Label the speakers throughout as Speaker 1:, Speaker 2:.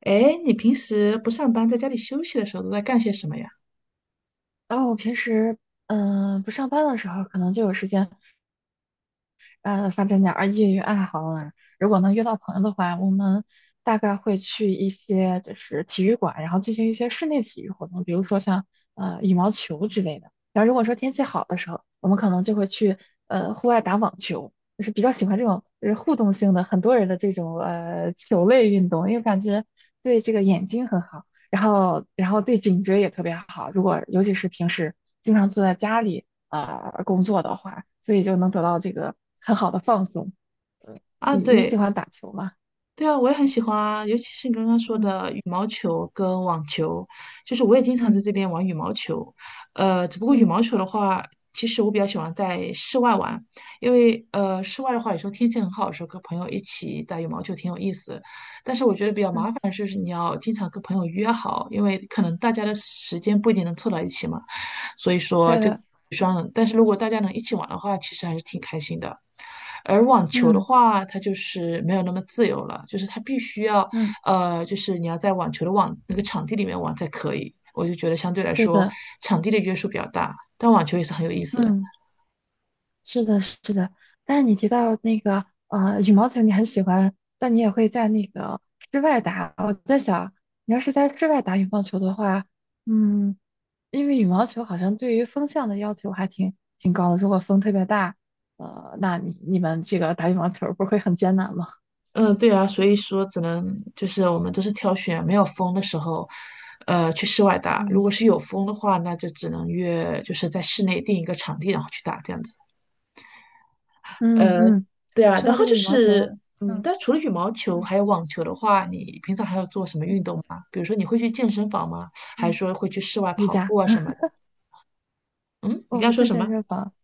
Speaker 1: 哎，你平时不上班，在家里休息的时候都在干些什么呀？
Speaker 2: 然后我平时不上班的时候，可能就有时间，发展点儿业余爱好啊。如果能约到朋友的话，我们大概会去一些就是体育馆，然后进行一些室内体育活动，比如说像羽毛球之类的。然后如果说天气好的时候，我们可能就会去户外打网球，就是比较喜欢这种就是互动性的很多人的这种球类运动，因为感觉对这个眼睛很好，然后对颈椎也特别好。如果尤其是平时经常坐在家里。啊，工作的话，所以就能得到这个很好的放松。嗯，
Speaker 1: 啊，
Speaker 2: 你喜
Speaker 1: 对。
Speaker 2: 欢打球吗？
Speaker 1: 对啊，我也很喜欢啊，尤其是你刚刚说
Speaker 2: 嗯
Speaker 1: 的羽毛球跟网球，就是我也经常在
Speaker 2: 嗯
Speaker 1: 这边玩羽毛球。只不过羽
Speaker 2: 嗯
Speaker 1: 毛球的话，其实我比较喜欢在室外玩，因为室外的话，有时候天气很好的时候，跟朋友一起打羽毛球挺有意思的。但是我觉得比较麻
Speaker 2: 嗯，
Speaker 1: 烦的是，你要经常跟朋友约好，因为可能大家的时间不一定能凑到一起嘛，所以说。
Speaker 2: 对的，
Speaker 1: 但是如果大家能一起玩的话，其实还是挺开心的。而网球的
Speaker 2: 嗯
Speaker 1: 话，它就是没有那么自由了，就是它必须要，
Speaker 2: 嗯
Speaker 1: 就是你要在网球的网那个场地里面玩才可以。我就觉得相对来
Speaker 2: 对
Speaker 1: 说，
Speaker 2: 的，
Speaker 1: 场地的约束比较大，但网球也是很有意思的。
Speaker 2: 嗯，是的，是的，但是你提到那个羽毛球，你很喜欢，但你也会在那个室外打。我在想，你要是在室外打羽毛球的话，嗯，因为羽毛球好像对于风向的要求还挺高的。如果风特别大，那你们这个打羽毛球不会很艰难吗？
Speaker 1: 嗯，对啊，所以说只能就是我们都是挑选没有风的时候，去室外打。如
Speaker 2: 嗯。
Speaker 1: 果是有风的话，那就只能约就是在室内定一个场地，然后去打这样子。
Speaker 2: 嗯
Speaker 1: 呃，
Speaker 2: 嗯，
Speaker 1: 对啊，
Speaker 2: 说
Speaker 1: 然
Speaker 2: 到
Speaker 1: 后
Speaker 2: 这个
Speaker 1: 就
Speaker 2: 羽毛球，
Speaker 1: 是，嗯，
Speaker 2: 嗯
Speaker 1: 但除了羽毛球
Speaker 2: 嗯
Speaker 1: 还有网球的话，你平常还要做什么
Speaker 2: 嗯
Speaker 1: 运动吗？比如说你会去健身房吗？还是
Speaker 2: 嗯，
Speaker 1: 说会去室外
Speaker 2: 瑜
Speaker 1: 跑步
Speaker 2: 伽，
Speaker 1: 啊什么的？嗯，你
Speaker 2: 我
Speaker 1: 刚刚
Speaker 2: 不
Speaker 1: 说
Speaker 2: 去
Speaker 1: 什
Speaker 2: 健
Speaker 1: 么？
Speaker 2: 身房。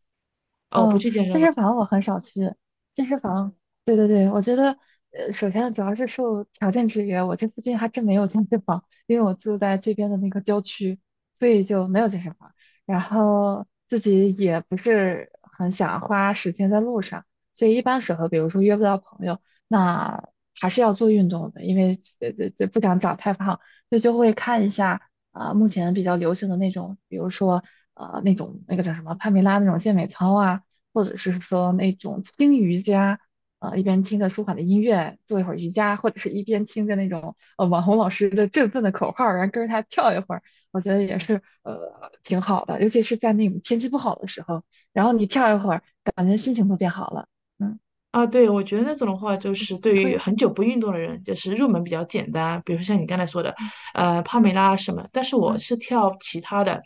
Speaker 1: 哦，不
Speaker 2: 嗯，
Speaker 1: 去健身
Speaker 2: 健
Speaker 1: 房
Speaker 2: 身房我很少去。健身房，对对对，我觉得，首先主要是受条件制约，我这附近还真没有健身房，因为我住在这边的那个郊区，所以就没有健身房。然后自己也不是很想花时间在路上，所以一般时候，比如说约不到朋友，那还是要做运动的，因为这不想长太胖，所以就会看一下目前比较流行的那种，比如说。那种那个叫什么帕梅拉那种健美操啊，或者是说那种轻瑜伽，一边听着舒缓的音乐做一会儿瑜伽，或者是一边听着那种网红老师的振奋的口号，然后跟着他跳一会儿，我觉得也是挺好的，尤其是在那种天气不好的时候，然后你跳一会儿，感觉心情都变好了，嗯，
Speaker 1: 啊？对，我觉得那种的话，就是对
Speaker 2: 你
Speaker 1: 于
Speaker 2: 会，
Speaker 1: 很久不运动的人，就是入门比较简单，比如说像你刚才说的，
Speaker 2: 嗯
Speaker 1: 帕梅
Speaker 2: 嗯
Speaker 1: 拉啊什么。但是我
Speaker 2: 嗯
Speaker 1: 是跳其他的，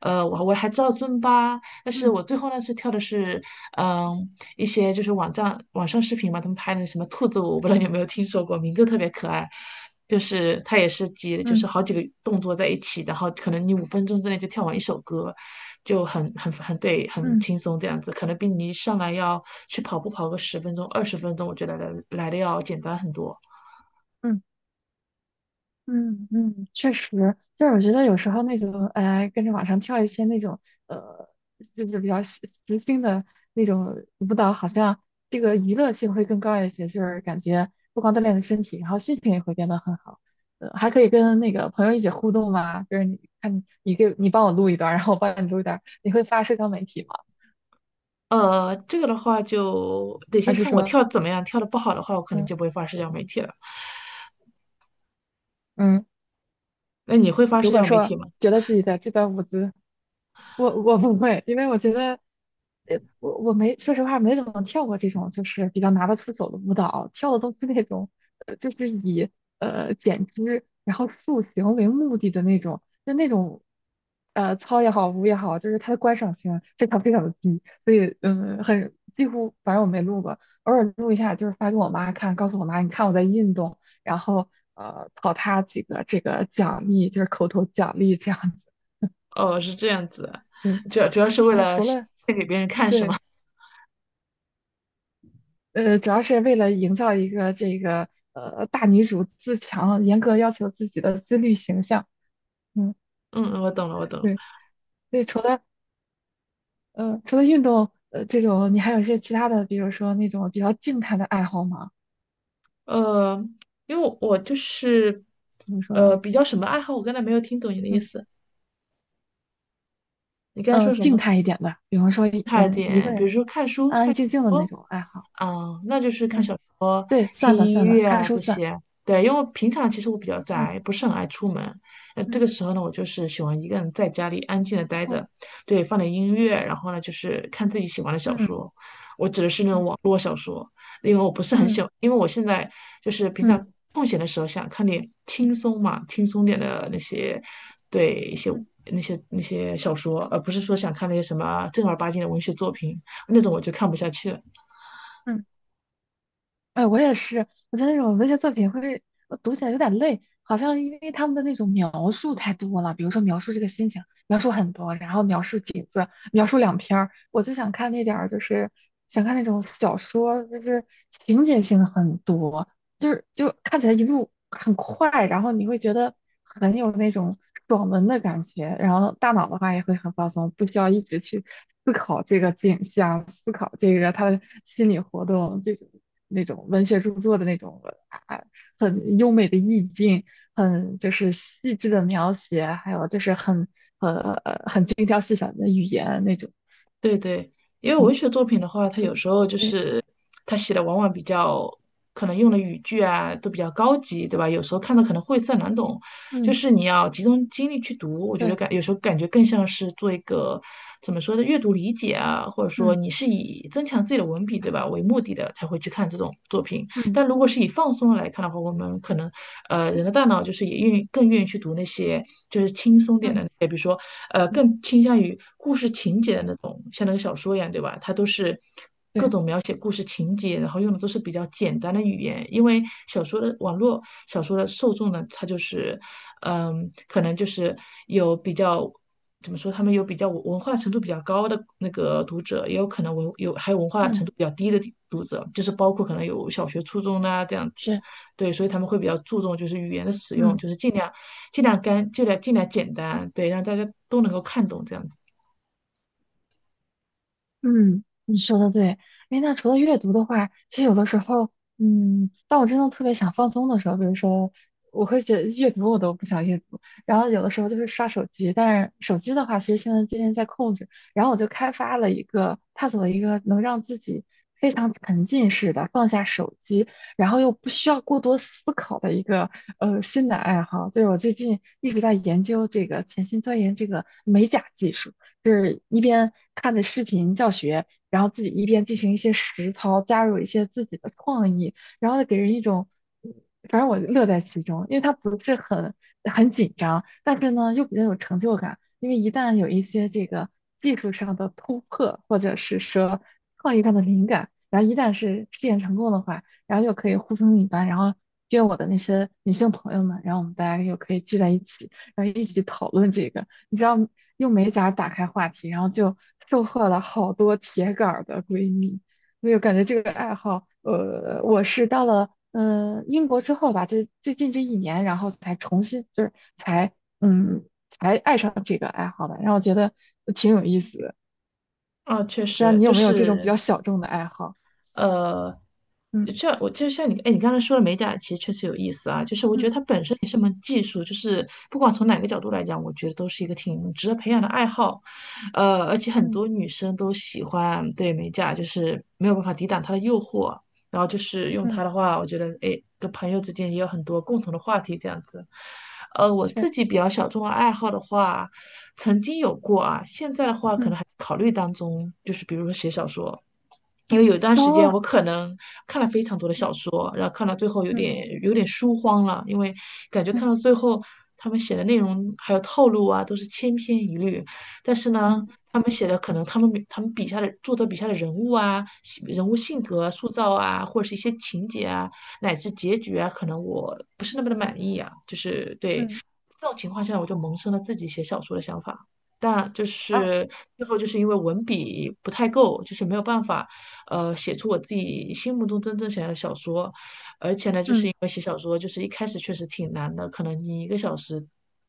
Speaker 1: 我还知道尊巴，但是
Speaker 2: 嗯
Speaker 1: 我最后呢是跳的是，嗯，一些就是网站网上视频嘛，他们拍的什么兔子舞，我不知道你有没有听说过，名字特别可爱，就是它也是几，就是
Speaker 2: 嗯
Speaker 1: 好几个动作在一起，然后可能你5分钟之内就跳完一首歌，就很
Speaker 2: 嗯
Speaker 1: 对，很
Speaker 2: 嗯。嗯
Speaker 1: 轻松这样子，可能比你一上来要去跑步跑个十分钟、20分钟，我觉得来的要简单很多。
Speaker 2: 嗯嗯嗯，确实，就是我觉得有时候那种，哎，跟着网上跳一些那种，呃，就是比较时心的那种舞蹈，好像这个娱乐性会更高一些，就是感觉不光锻炼了身体，然后心情也会变得很好，还可以跟那个朋友一起互动嘛，就是你看你帮我录一段儿然后我帮你录一段儿你会发社交媒体吗？
Speaker 1: 这个的话就得先
Speaker 2: 还是
Speaker 1: 看我
Speaker 2: 说，
Speaker 1: 跳得怎么样，跳的不好的话，我可能就不
Speaker 2: 嗯
Speaker 1: 会发社交媒体了。
Speaker 2: 嗯
Speaker 1: 那你会发
Speaker 2: 如
Speaker 1: 社
Speaker 2: 果
Speaker 1: 交媒
Speaker 2: 说
Speaker 1: 体吗？
Speaker 2: 觉得自己的这段舞姿，我不会，因为我觉得，我没说实话没怎么跳过这种就是比较拿得出手的舞蹈，跳的都是那种，就是以减脂然后塑形为目的的那种，就那种，操也好，舞也好，就是它的观赏性非常非常的低，所以嗯，很几乎反正我没录过，偶尔录一下，就是发给我妈看，告诉我妈你看我在运动。然后考他几个这个奖励，就是口头奖励这样子。
Speaker 1: 哦，是这样子啊。
Speaker 2: 对，
Speaker 1: 主要是为
Speaker 2: 然后
Speaker 1: 了，
Speaker 2: 除了对，主要是为了营造一个这个大女主自强、严格要求自己的自律形象。嗯，
Speaker 1: 嗯嗯，我懂了，我懂了。
Speaker 2: 对，所以除了运动这种，你还有一些其他的，比如说那种比较静态的爱好吗？
Speaker 1: 呃，因为我就是
Speaker 2: 比如说
Speaker 1: 比较什么爱好，我刚才没有听懂你的意
Speaker 2: 嗯
Speaker 1: 思，你刚才说什
Speaker 2: 静
Speaker 1: 么？
Speaker 2: 态一点的，比方说
Speaker 1: 差一
Speaker 2: 一个
Speaker 1: 点，比如
Speaker 2: 人
Speaker 1: 说看书、
Speaker 2: 安安
Speaker 1: 看。
Speaker 2: 静静的那
Speaker 1: 哦。
Speaker 2: 种爱好。
Speaker 1: 嗯，那就是看
Speaker 2: 嗯，
Speaker 1: 小说、
Speaker 2: 对，
Speaker 1: 听
Speaker 2: 算的
Speaker 1: 音
Speaker 2: 算的，
Speaker 1: 乐
Speaker 2: 看
Speaker 1: 啊
Speaker 2: 书
Speaker 1: 这
Speaker 2: 算。
Speaker 1: 些。对，因为我平常其实我比较宅，
Speaker 2: 嗯
Speaker 1: 不是很爱出门。那这
Speaker 2: 嗯
Speaker 1: 个时候呢，我就是喜欢一个人在家里安静的待
Speaker 2: 哦
Speaker 1: 着，对，放点音乐，然后呢就是看自己喜欢的小
Speaker 2: 嗯。
Speaker 1: 说。我指的是那种
Speaker 2: 嗯
Speaker 1: 网络小说，因为我不是很喜
Speaker 2: 嗯
Speaker 1: 欢，因为我现在就是平常
Speaker 2: 嗯
Speaker 1: 空闲的时候想看点轻
Speaker 2: 嗯
Speaker 1: 松嘛，轻松点的那些，对，一些
Speaker 2: 嗯
Speaker 1: 那些小说，而不是说想看那些什么正儿八经的文学作品，那种我就看不下去了。
Speaker 2: 嗯，哎，我也是，我觉得那种文学作品会读起来有点累，好像因为他们的那种描述太多了，比如说描述这个心情，描述很多，然后描述景次，描述两篇儿，我就想看那点儿，想看那种小说，就是情节性很多，就是就看起来一路很快，然后你会觉得很有那种爽文的感觉，然后大脑的话也会很放松，不需要一直去思考这个景象，思考这个他的心理活动，这种那种文学著作的那种啊，很优美的意境，很就是细致的描写，还有就是很呃很精挑细选的语言那种，
Speaker 1: 对对，因为
Speaker 2: 嗯，
Speaker 1: 文学作品的话，它有
Speaker 2: 嗯
Speaker 1: 时候就
Speaker 2: 对，
Speaker 1: 是它写的往往比较可能用的语句啊都比较高级，对吧？有时候看的可能晦涩难懂，就
Speaker 2: 嗯
Speaker 1: 是你要集中精力去读，我觉得
Speaker 2: 对，
Speaker 1: 有时候感觉更像是做一个怎么说的阅读理解啊，或者说
Speaker 2: 嗯
Speaker 1: 你是以增强自己的文笔，对吧，为目的的才会去看这种作品。
Speaker 2: 嗯
Speaker 1: 但如果是以放松来看的话，我们可能人的大脑就是也愿意更愿意去读那些。
Speaker 2: 嗯嗯，
Speaker 1: 更倾向于故事情节的那种，像那个小说一样，对吧？它都是各
Speaker 2: 对，
Speaker 1: 种描写故事情节，然后用的都是比较简单的语言，因为小说的网络小说的受众呢，它就是，嗯，可能就是有比较。怎么说？他们有比较文化程度比较高的那个读者，也有可能文有还有文化
Speaker 2: 嗯
Speaker 1: 程度比较低的读者，就是包括可能有小学、初中啊这样子。
Speaker 2: 是。
Speaker 1: 对，所以他们会比较注重就是语言的使用，
Speaker 2: 嗯
Speaker 1: 就是尽量尽量干，尽量尽量简单，对，让大家都能够看懂这样子。
Speaker 2: 嗯，你说的对。哎，那除了阅读的话，其实有的时候，嗯，当我真的特别想放松的时候，比如说，我会觉得阅读我都不想阅读，然后有的时候就是刷手机，但是手机的话，其实现在渐渐在控制。然后我就开发了一个，探索了一个能让自己非常沉浸式的放下手机，然后又不需要过多思考的一个新的爱好，就是我最近一直在研究这个潜心钻研这个美甲技术。是一边看着视频教学，然后自己一边进行一些实操，加入一些自己的创意，然后给人一种，嗯反正我乐在其中，因为它不是很紧张，但是呢又比较有成就感，因为一旦有一些这个技术上的突破，或者是说创意上的灵感，然后一旦是试验成功的话，然后又可以呼朋引伴，然后约我的那些女性朋友们，然后我们大家又可以聚在一起。然后一起讨论这个，你知道，用美甲打开话题，然后就收获了好多铁杆儿的闺蜜。所以我感觉这个爱好，我是到了英国之后吧，就是最近这一年，然后才重新就是才嗯爱上这个爱好的，然后我觉得挺有意思的。
Speaker 1: 哦，确
Speaker 2: 不知道
Speaker 1: 实
Speaker 2: 你有
Speaker 1: 就
Speaker 2: 没有这种比
Speaker 1: 是
Speaker 2: 较小众的爱好？
Speaker 1: 呃，
Speaker 2: 嗯
Speaker 1: 这样我就像你，哎，你刚才说的美甲其实确实有意思啊，就是我觉
Speaker 2: 嗯
Speaker 1: 得它本身也是门技术，就是不管从哪个角度来讲，我觉得都是一个挺值得培养的爱好，而且很
Speaker 2: 嗯
Speaker 1: 多女生都喜欢对美甲，就是没有办法抵挡它的诱惑，然后就是用它
Speaker 2: 嗯，
Speaker 1: 的话，我觉得哎，跟朋友之间也有很多共同的话题这样子。我
Speaker 2: 是，
Speaker 1: 自己比较小众的爱好的话，曾经有过啊，现在的话可
Speaker 2: 嗯
Speaker 1: 能还考虑当中，就是比如说写小说。因为
Speaker 2: 嗯
Speaker 1: 有一段时间
Speaker 2: 哦，
Speaker 1: 我可能看了非常多的
Speaker 2: 嗯
Speaker 1: 小说，然后看到最后有
Speaker 2: 嗯
Speaker 1: 点有点书荒了，因为感觉看
Speaker 2: 嗯
Speaker 1: 到最后他们写的内容还有套路啊都是千篇一律，但是呢，
Speaker 2: 嗯
Speaker 1: 他们写的可能他们笔下的作者笔下的人物啊、人物性格啊塑造啊，或者是一些情节啊，乃至结局啊，可能我不是那么的满意啊，就是
Speaker 2: 嗯
Speaker 1: 对
Speaker 2: 嗯
Speaker 1: 这种情况下，我就萌生了自己写小说的想法。但就
Speaker 2: 哦，
Speaker 1: 是最后就是因为文笔不太够，就是没有办法，写出我自己心目中真正想要的小说。而且呢，就是
Speaker 2: 嗯
Speaker 1: 因为写小说，就是一开始确实挺难的，可能你一个小时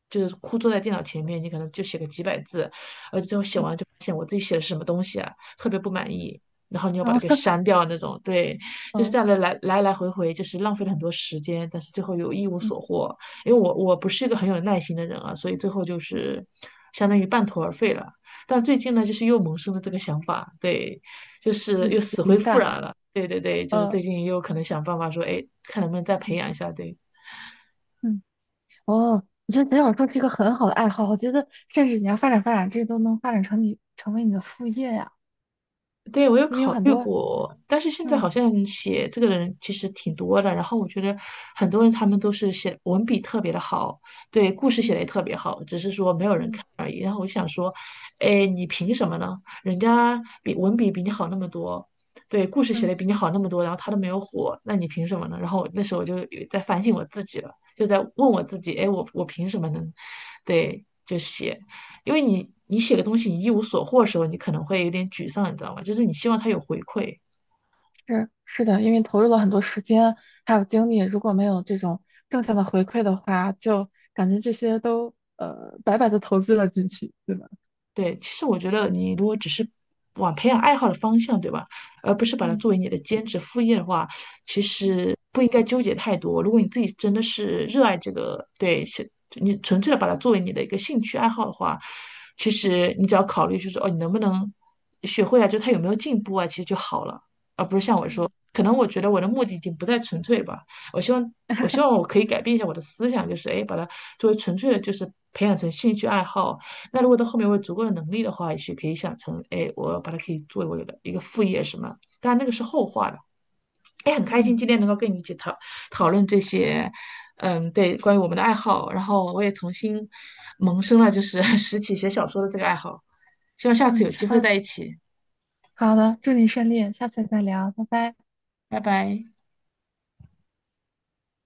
Speaker 1: 就是枯坐在电脑前面，你可能就写个几百字，而且最后写
Speaker 2: 嗯，
Speaker 1: 完就发现我自己写的是什么东西啊，特别不满意。然后你又把
Speaker 2: 哦
Speaker 1: 它给 删掉那种，对，就是这
Speaker 2: 哦
Speaker 1: 样的来来回回，就是浪费了很多时间，但是最后又一无所获。因为我不是一个
Speaker 2: 嗯
Speaker 1: 很有耐心的人啊，所以最后就
Speaker 2: 嗯嗯
Speaker 1: 是相当于半途而废了。但最近
Speaker 2: 嗯。
Speaker 1: 呢，就是又萌生了这个想法，对，就是
Speaker 2: 你
Speaker 1: 又
Speaker 2: 有
Speaker 1: 死灰
Speaker 2: 灵
Speaker 1: 复
Speaker 2: 感
Speaker 1: 燃
Speaker 2: 了，
Speaker 1: 了。对对对，就是
Speaker 2: 嗯
Speaker 1: 最近又可能想办法说，哎，看能不能再培
Speaker 2: 嗯
Speaker 1: 养一下，对。
Speaker 2: 嗯，哦，我觉得写小说是一个很好的爱好，我觉得甚至你要发展发展，这都能发展成成为你的副业呀，
Speaker 1: 对，我有
Speaker 2: 因为有
Speaker 1: 考
Speaker 2: 很
Speaker 1: 虑
Speaker 2: 多，
Speaker 1: 过，但是现在好
Speaker 2: 嗯
Speaker 1: 像写这个的人其实挺多的，然后我觉得很多人他们都是写文笔特别的好，对，故事写
Speaker 2: 嗯
Speaker 1: 的也特别好，只是说没有人
Speaker 2: 嗯
Speaker 1: 看而已。然后我就想说，哎，你凭什么呢？人家比文笔比你好那么多，对，故事写
Speaker 2: 嗯，
Speaker 1: 的比你好那么多，然后他都没有火，那你凭什么呢？然后那时候我就有在反省我自己了，就在问我自己，哎，我凭什么能，对，就写。因为你写个东西你一无所获的时候，你可能会有点沮丧，你知道吗？就是你希望它有回馈，
Speaker 2: 是是的，因为投入了很多时间还有精力，如果没有这种正向的回馈的话，就感觉这些都白白的投资了进去，对吧？
Speaker 1: 对，其实我觉得你如果只是往培养爱好的方向，对吧？而不是把它
Speaker 2: 嗯
Speaker 1: 作为你的兼职副业的话，其
Speaker 2: 嗯
Speaker 1: 实不应该纠结太多。如果你自己真的是热爱这个，对，是你纯粹的把它作为你的一个兴趣爱好的话，其
Speaker 2: 嗯
Speaker 1: 实你只要考虑就是哦，你能不能学会啊？就他有没有进步啊？其实就好了，而不是像我说，
Speaker 2: 嗯
Speaker 1: 可能我觉得我的目的已经不再纯粹了吧。我希望，我希望我可以改变一下我的思想，就是哎，诶把它作为纯粹的，就是培养成兴趣爱好。那如果到后面我有足够的能力的话，也许可以想成，哎，我把它可以作为我的一个副业什么。当然那个是后话了。哎，很开心
Speaker 2: 嗯
Speaker 1: 今天能够跟你一起讨论这些，嗯，对，关于我们的爱好。然后我也重新萌生了就是 拾起写小说的这个爱好，希望下次
Speaker 2: 嗯，
Speaker 1: 有机会
Speaker 2: 嗯
Speaker 1: 在一起。
Speaker 2: 好的，祝你顺利，下次再聊，拜拜。
Speaker 1: 拜拜。